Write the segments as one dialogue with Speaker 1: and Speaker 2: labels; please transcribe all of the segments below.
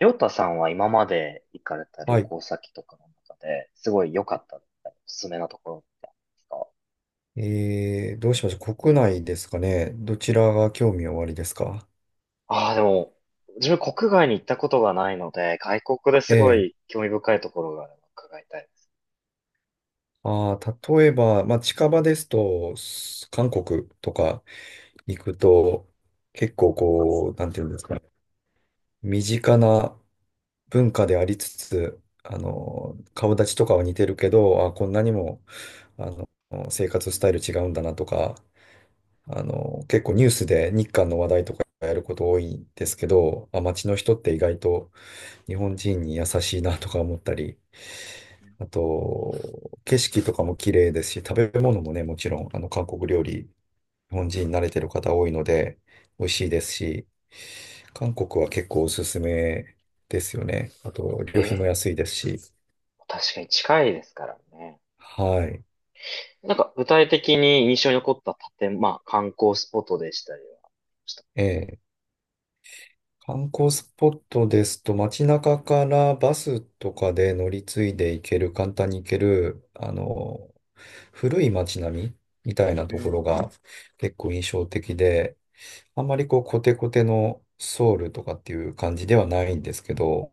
Speaker 1: りょうたさんは今まで行かれた旅
Speaker 2: はい。
Speaker 1: 行先とかの中で、すごい良かったおすすめなところってありますか？
Speaker 2: どうしましょう。国内ですかね。どちらが興味おありですか？
Speaker 1: ああー、でも、自分国外に行ったことがないので、外国で
Speaker 2: え
Speaker 1: すご
Speaker 2: え。
Speaker 1: い興味深いところがあれば伺いたいです。
Speaker 2: ああ、例えば、まあ、近場ですと、韓国とか行くと、結構こう、なんていうんですかね。身近な文化でありつつ、顔立ちとかは似てるけど、あ、こんなにも、あの、生活スタイル違うんだなとか。
Speaker 1: うん。
Speaker 2: 結構ニュースで日韓の話題とかやること多いんですけど、あ、街の人って意外と、日本人に優しいなとか思ったり、あと、景色とかも綺麗ですし、食べ物もね、もちろん、韓国料理、日本人慣れてる方多いので、美味しいですし、韓国は結構おすすめですよね。あと、
Speaker 1: え
Speaker 2: 旅費も
Speaker 1: え、
Speaker 2: 安いですし。
Speaker 1: 確かに近いですからね。
Speaker 2: はい。
Speaker 1: なんか具体的に印象に残ったまあ観光スポットでしたりはした。
Speaker 2: ええ、観光スポットですと、街中からバスとかで乗り継いで行ける、簡単に行ける、古い街並みみたいな
Speaker 1: う
Speaker 2: ところ
Speaker 1: ん。
Speaker 2: が結構印象的で、あんまりこうコテコテのソウルとかっていう感じではないんですけど、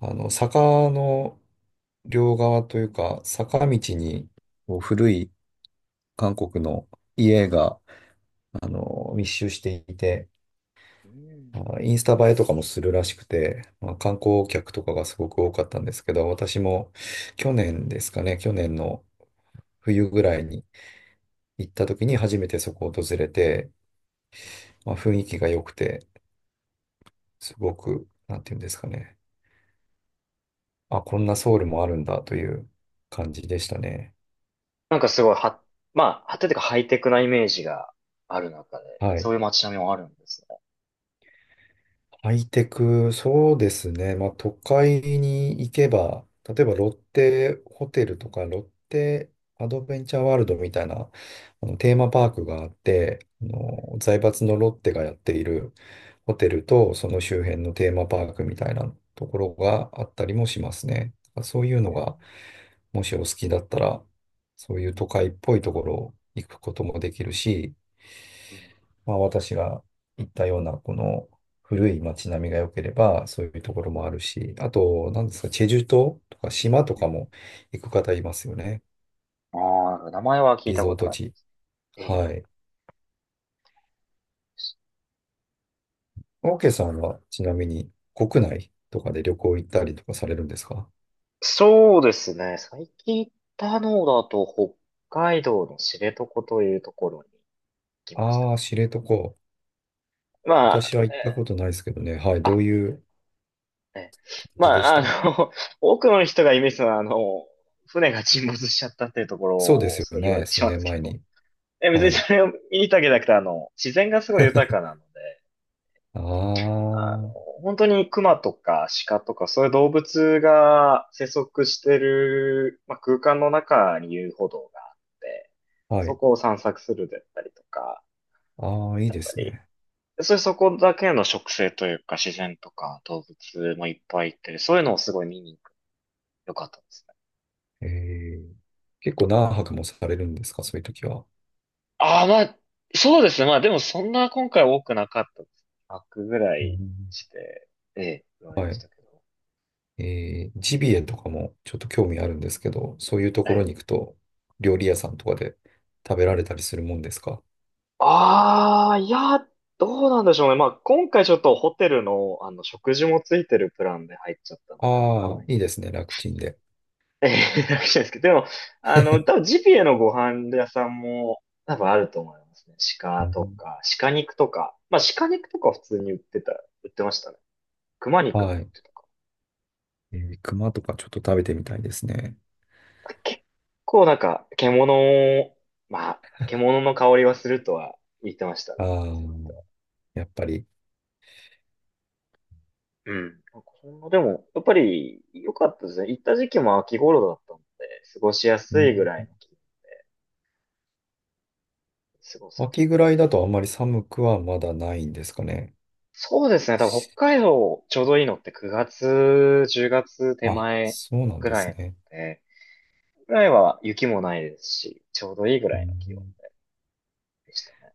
Speaker 2: 坂の両側というか、坂道にこう古い韓国の家が、密集していて、
Speaker 1: うん。
Speaker 2: あインスタ映えとかもするらしくて、まあ、観光客とかがすごく多かったんですけど、私も去年ですかね、去年の冬ぐらいに行った時に初めてそこを訪れて、まあ、雰囲気が良くて、すごく、なんていうんですかね、あ、こんなソウルもあるんだという感じでしたね。
Speaker 1: なんかすごいは、まあ、はててかハイテクなイメージがある中で、
Speaker 2: は
Speaker 1: そ
Speaker 2: い。
Speaker 1: ういう街並みもあるんですね。
Speaker 2: ハイテク、そうですね。まあ、都会に行けば、例えばロッテホテルとか、ロッテアドベンチャーワールドみたいな、テーマパークがあって、財閥のロッテがやっているホテルと、その周辺のテーマパークみたいなところがあったりもしますね。そういうの
Speaker 1: うん。
Speaker 2: が、もしお好きだったら、そういう都会っぽいところ行くこともできるし、
Speaker 1: うん。
Speaker 2: まあ、私が行ったような、この古い街並みが良ければ、そういうところもあるし、あと、なんですか、チェジュ島とか島と
Speaker 1: う
Speaker 2: か
Speaker 1: ん。
Speaker 2: も行く方いますよね。
Speaker 1: ああ、名前は聞い
Speaker 2: リ
Speaker 1: た
Speaker 2: ゾ
Speaker 1: こ
Speaker 2: ー
Speaker 1: と
Speaker 2: ト
Speaker 1: ありま
Speaker 2: 地。
Speaker 1: す。ええ。
Speaker 2: はい。オーケーさんは、ちなみに、国内とかで旅行行ったりとかされるんですか？
Speaker 1: そうですね。最近行ったのだと、北海道の知床というところに行きました。
Speaker 2: ああー、知床。
Speaker 1: まあ、
Speaker 2: 私は行ったことないですけどね。はい。ど
Speaker 1: あ、
Speaker 2: ういう
Speaker 1: え、
Speaker 2: 感
Speaker 1: ま
Speaker 2: じでし
Speaker 1: あ、
Speaker 2: た？
Speaker 1: の、多くの人がイメージするのは、船が沈没しちゃったっていうところ
Speaker 2: そうで
Speaker 1: を
Speaker 2: すよ
Speaker 1: すごい言われ
Speaker 2: ね。
Speaker 1: てし
Speaker 2: 数
Speaker 1: まうんで
Speaker 2: 年
Speaker 1: すけ
Speaker 2: 前
Speaker 1: ど、
Speaker 2: に。
Speaker 1: 別に
Speaker 2: はい。
Speaker 1: それを見に行ったわけじゃなくて、自然がすごい豊かなので、
Speaker 2: ああ、
Speaker 1: あ
Speaker 2: は
Speaker 1: 本当に熊とか鹿とかそういう動物が生息してる、まあ、空間の中に遊歩道があって、そ
Speaker 2: い。
Speaker 1: こを散策するだったりとか、
Speaker 2: ああ、いい
Speaker 1: やっ
Speaker 2: で
Speaker 1: ぱ
Speaker 2: す
Speaker 1: り、
Speaker 2: ね。
Speaker 1: そういうそこだけの植生というか自然とか動物もいっぱいいて、そういうのをすごい見に行く。よかったですね。
Speaker 2: えー結構何泊もされるんですか、そういう時は。
Speaker 1: ああ、まあ、そうですね。まあでもそんな今回多くなかったです。100ぐら
Speaker 2: う
Speaker 1: い
Speaker 2: ん、
Speaker 1: して、ええ、ぐらいで
Speaker 2: は
Speaker 1: し
Speaker 2: い。
Speaker 1: たけど。
Speaker 2: ジビエとかもちょっと興味あるんですけど、そういうところ
Speaker 1: ええ。
Speaker 2: に行くと、料理屋さんとかで食べられたりするもんですか？
Speaker 1: ああ、いや、どうなんでしょうね。まあ、今回ちょっとホテルの、食事もついてるプランで入っちゃったので、わかん
Speaker 2: あ
Speaker 1: な
Speaker 2: あ
Speaker 1: いん
Speaker 2: いい
Speaker 1: です
Speaker 2: で
Speaker 1: け
Speaker 2: す
Speaker 1: ど。
Speaker 2: ね、楽ちんで。
Speaker 1: ええ、楽しいですけど、でも、多分ジビエのご飯屋さんも多分あると思いますね。
Speaker 2: う
Speaker 1: 鹿と
Speaker 2: ん、
Speaker 1: か、鹿肉とか。まあ、鹿肉とか普通に売ってましたね。熊肉も売っ
Speaker 2: はい。
Speaker 1: てたか
Speaker 2: 熊とかちょっと食べてみたいですね。
Speaker 1: な。結構なんか、を、まあ、獣の香りはするとは言ってましたね。
Speaker 2: ああ、
Speaker 1: お店の人。
Speaker 2: やっぱり。
Speaker 1: うん。なんかほんのでも、やっぱり良かったですね。行った時期も秋頃だったので、過ごしや
Speaker 2: う
Speaker 1: す
Speaker 2: ん。
Speaker 1: いぐらいの気温で過ごせた。
Speaker 2: 秋ぐらいだとあんまり寒くはまだないんですかね。
Speaker 1: そうですね。多分
Speaker 2: し
Speaker 1: 北海道ちょうどいいのって9月、10月手
Speaker 2: あ、
Speaker 1: 前
Speaker 2: そうなん
Speaker 1: ぐ
Speaker 2: で
Speaker 1: ら
Speaker 2: す
Speaker 1: いなの
Speaker 2: ね。
Speaker 1: で、ぐらいは雪もないですし、ちょうどいいぐ
Speaker 2: う
Speaker 1: らいの気温
Speaker 2: ん。
Speaker 1: でしたね。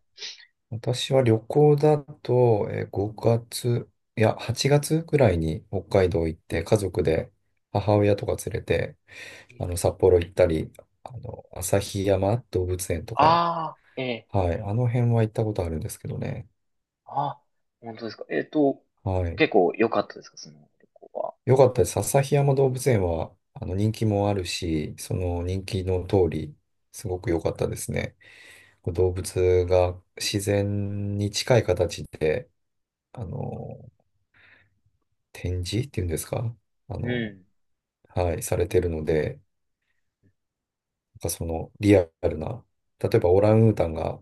Speaker 2: 私は旅行だと、5月、いや、8月くらいに北海道行って、家族で母親とか連れて、札幌行ったり、旭山動物園とか、
Speaker 1: ああ、ええ、
Speaker 2: はい、あの辺は行ったことあるんですけどね。
Speaker 1: あ、本当ですか。
Speaker 2: はい。
Speaker 1: 結構良かったですか、その旅行は。
Speaker 2: よかったです。旭山動物園は、人気もあるし、その人気の通り、すごく良かったですね。こう動物が自然に近い形で、あの、展示っていうんですか？あ
Speaker 1: う
Speaker 2: の、
Speaker 1: ん。
Speaker 2: はい、されてるので、なんかそのリアルな、例えばオランウータンが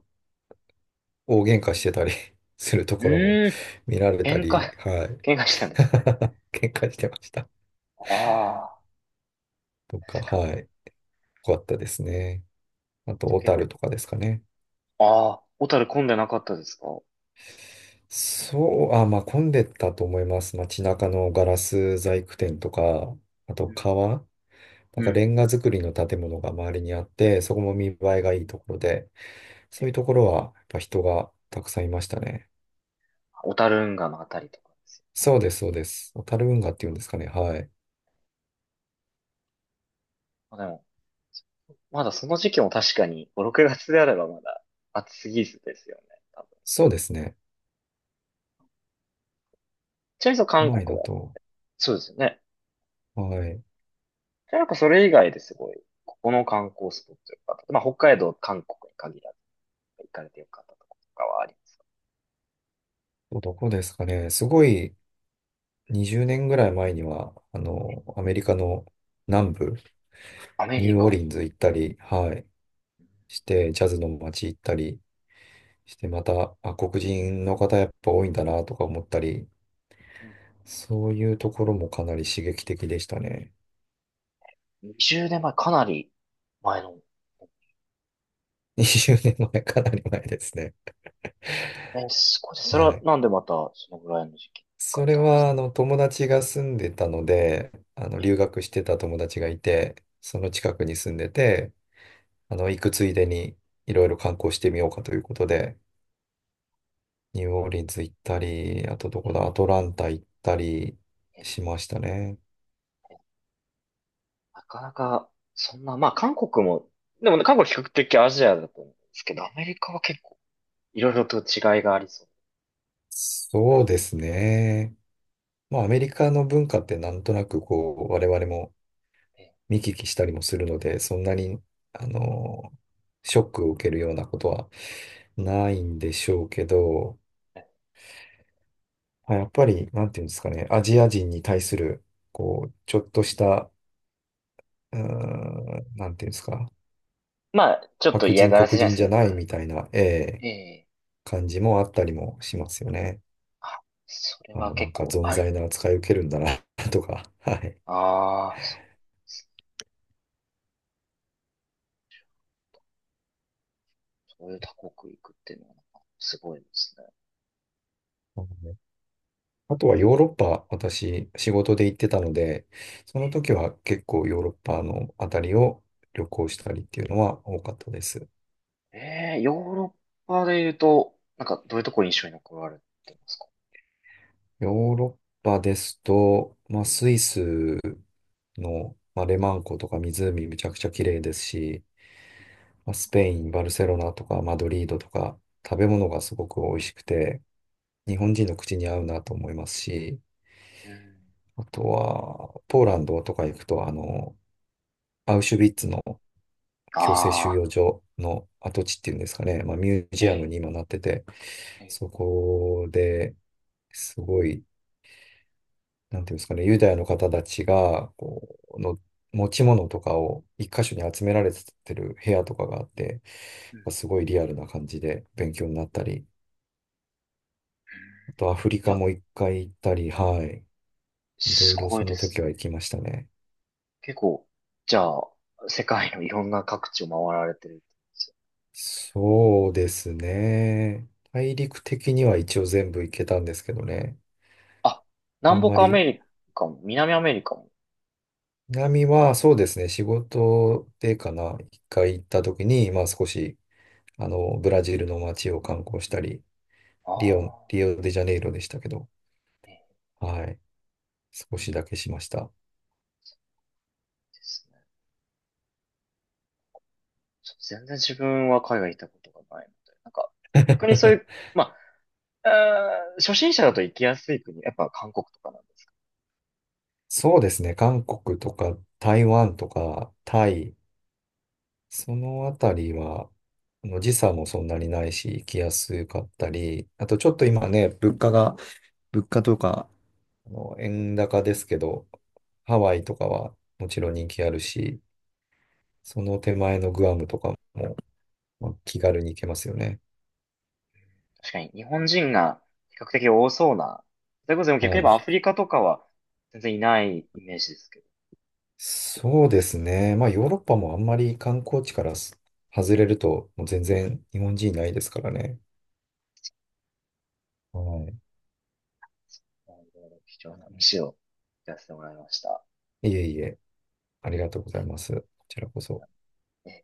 Speaker 2: 大喧嘩してたり すると
Speaker 1: う
Speaker 2: ころも
Speaker 1: ーん、
Speaker 2: 見られた
Speaker 1: 喧嘩、
Speaker 2: り、はい。
Speaker 1: 喧嘩したんですね。
Speaker 2: 喧嘩してました。
Speaker 1: ああ、っ
Speaker 2: と
Speaker 1: て
Speaker 2: か、
Speaker 1: 感
Speaker 2: はい。よかったですね。あと、
Speaker 1: じ。
Speaker 2: 小
Speaker 1: 結構。
Speaker 2: 樽とかですかね。
Speaker 1: ああ、小樽混んでなかったですか？
Speaker 2: そう、あ、まあ混んでたと思います。街中のガラス細工店とか、あと
Speaker 1: うん。
Speaker 2: 川、な
Speaker 1: う
Speaker 2: んかレン
Speaker 1: ん。
Speaker 2: ガ造りの建物が周りにあって、そこも見栄えがいいところで、そういう
Speaker 1: え、
Speaker 2: ところはやっぱ人がたくさんいましたね。
Speaker 1: 小樽運河のあたりとかですよ。
Speaker 2: そうです、そうです。小樽運河っていうんですかね。はい。
Speaker 1: まあ、でも、まだその時期も確かに5、6月であればまだ暑すぎずですよね。多分。
Speaker 2: そうですね。
Speaker 1: ちなみにそう韓
Speaker 2: 国内
Speaker 1: 国
Speaker 2: だ
Speaker 1: だ。
Speaker 2: と。
Speaker 1: そうですよね。
Speaker 2: はい。
Speaker 1: じゃあなんかそれ以外ですごい、ここの観光スポットよかった。まあ北海道、韓国に限らず行かれてよかったとことかはあります。
Speaker 2: どこですかね。すごい、20年ぐらい前には、アメリカの南部、
Speaker 1: アメ
Speaker 2: ニュ
Speaker 1: リ
Speaker 2: ーオー
Speaker 1: カ。
Speaker 2: リンズ行ったり、はい。して、ジャズの街行ったりして、また、あ、黒人の方やっぱ多いんだなとか思ったり、
Speaker 1: うん。
Speaker 2: そういうところもかなり刺激的でしたね。
Speaker 1: 20年前、かなり前の。
Speaker 2: 20年前、かなり前ですね。
Speaker 1: えすごいです。それ
Speaker 2: は
Speaker 1: は
Speaker 2: い。
Speaker 1: なんでまたそのぐらいの時期に行か
Speaker 2: そ
Speaker 1: れ
Speaker 2: れ
Speaker 1: たんです
Speaker 2: は、
Speaker 1: か？
Speaker 2: 友達が住んでたので、
Speaker 1: え
Speaker 2: 留学してた友達がいて、その近くに住んでて、行くついでに、いろいろ観光してみようかということで、ニューオーリンズ行ったり、あとど
Speaker 1: ー、
Speaker 2: こ
Speaker 1: え
Speaker 2: だ、ア
Speaker 1: ー
Speaker 2: トランタ行ったりしましたね。
Speaker 1: なかなか、そんな、まあ韓国も、でもね、韓国は比較的アジアだと思うんですけど、アメリカは結構いろいろと違いがありそう
Speaker 2: そうですね。まあ、アメリカの文化ってなんとなく、こう、我々も
Speaker 1: で。
Speaker 2: 見聞きしたりもするので、そんなに、あの、ショックを受けるようなことはないんでしょうけど、あやっぱり、なんていうんですかね、アジア人に対する、こう、ちょっとした、なんていうんですか、
Speaker 1: まあ、ちょっと
Speaker 2: 白
Speaker 1: 嫌
Speaker 2: 人、
Speaker 1: がら
Speaker 2: 黒
Speaker 1: せじゃないで
Speaker 2: 人
Speaker 1: す
Speaker 2: じゃ
Speaker 1: けど、
Speaker 2: ない
Speaker 1: 軽
Speaker 2: みた
Speaker 1: く。
Speaker 2: いな、ええ、
Speaker 1: ええ、
Speaker 2: 感じもあったりもしますよね。
Speaker 1: それ
Speaker 2: あ、
Speaker 1: は
Speaker 2: な
Speaker 1: 結
Speaker 2: んか、
Speaker 1: 構
Speaker 2: 存
Speaker 1: ある。
Speaker 2: 在な扱い受けるんだな とか、はい。
Speaker 1: ああ、そうですね。そういう他国行くっていうのはなんかすごいですね。
Speaker 2: あとはヨーロッパ、私、仕事で行ってたので、その時は結構ヨーロッパのあたりを旅行したりっていうのは多かったです。
Speaker 1: ええ、ええ、ヨーロッパで言うと、なんかどういうところ印象に残られてますか？
Speaker 2: ヨーロッパですと、まあ、スイスの、まあ、レマン湖とか湖めちゃくちゃ綺麗ですし、まあ、スペイン、バルセロナとかマドリードとか食べ物がすごく美味しくて、日本人の口に合うなと思いますし、
Speaker 1: うん。
Speaker 2: あとはポーランドとか行くと、アウシュビッツの強制収
Speaker 1: ああ、
Speaker 2: 容所の跡地っていうんですかね、まあ、ミュー
Speaker 1: え
Speaker 2: ジアム
Speaker 1: え、
Speaker 2: に今なってて、
Speaker 1: ええ。
Speaker 2: そこですごいなんていうんですかね、ユダヤの方たちが、こう、の持ち物とかを一箇所に集められてる部屋とかがあって、
Speaker 1: うん。
Speaker 2: すごいリアルな感じで勉強になったり、あとアフリ
Speaker 1: い
Speaker 2: カ
Speaker 1: や、
Speaker 2: も一回行ったり、はい。いろ
Speaker 1: す
Speaker 2: いろ
Speaker 1: ご
Speaker 2: そ
Speaker 1: いで
Speaker 2: の時
Speaker 1: すね。
Speaker 2: は行きましたね。
Speaker 1: 結構、じゃあ、世界のいろんな各地を回られてるってことですよ。
Speaker 2: そうですね。大陸的には一応全部行けたんですけどね。
Speaker 1: あ、
Speaker 2: あ
Speaker 1: 南
Speaker 2: んま
Speaker 1: 北ア
Speaker 2: り、
Speaker 1: メリカも、南アメリカも。
Speaker 2: 南はそうですね、仕事でかな、一回行った時に、まあ少し、ブラジルの街を観光したり、
Speaker 1: あ
Speaker 2: リオデジャネイロでしたけど、
Speaker 1: あ、いい
Speaker 2: はい。少しだけしました。
Speaker 1: ですね。ちょっと全然自分は海外行ったことがないので。なんか、逆にそういう、まあ、初心者だと行きやすい国、やっぱ韓国とかなんですかね？
Speaker 2: そうですね。韓国とか台湾とかタイ、そのあたりは、時差もそんなにないし、行きやすかったり、あとちょっと今ね、物価とか、円高ですけど、ハワイとかはもちろん人気あるし、その手前のグアムとかも、まあ気軽に行けますよね。
Speaker 1: 確かに日本人が比較的多そうな。それこそでも逆
Speaker 2: は
Speaker 1: に言えば
Speaker 2: い。
Speaker 1: アフリカとかは全然いないイメージですけど。
Speaker 2: そうですね。まあ、ヨーロッパもあんまり観光地から外れると、もう全然日本人いないですからね。は
Speaker 1: なるほど貴重な話を聞かせてもらいました。
Speaker 2: い。いえいえ、ありがとうございます。こちらこそ。
Speaker 1: えー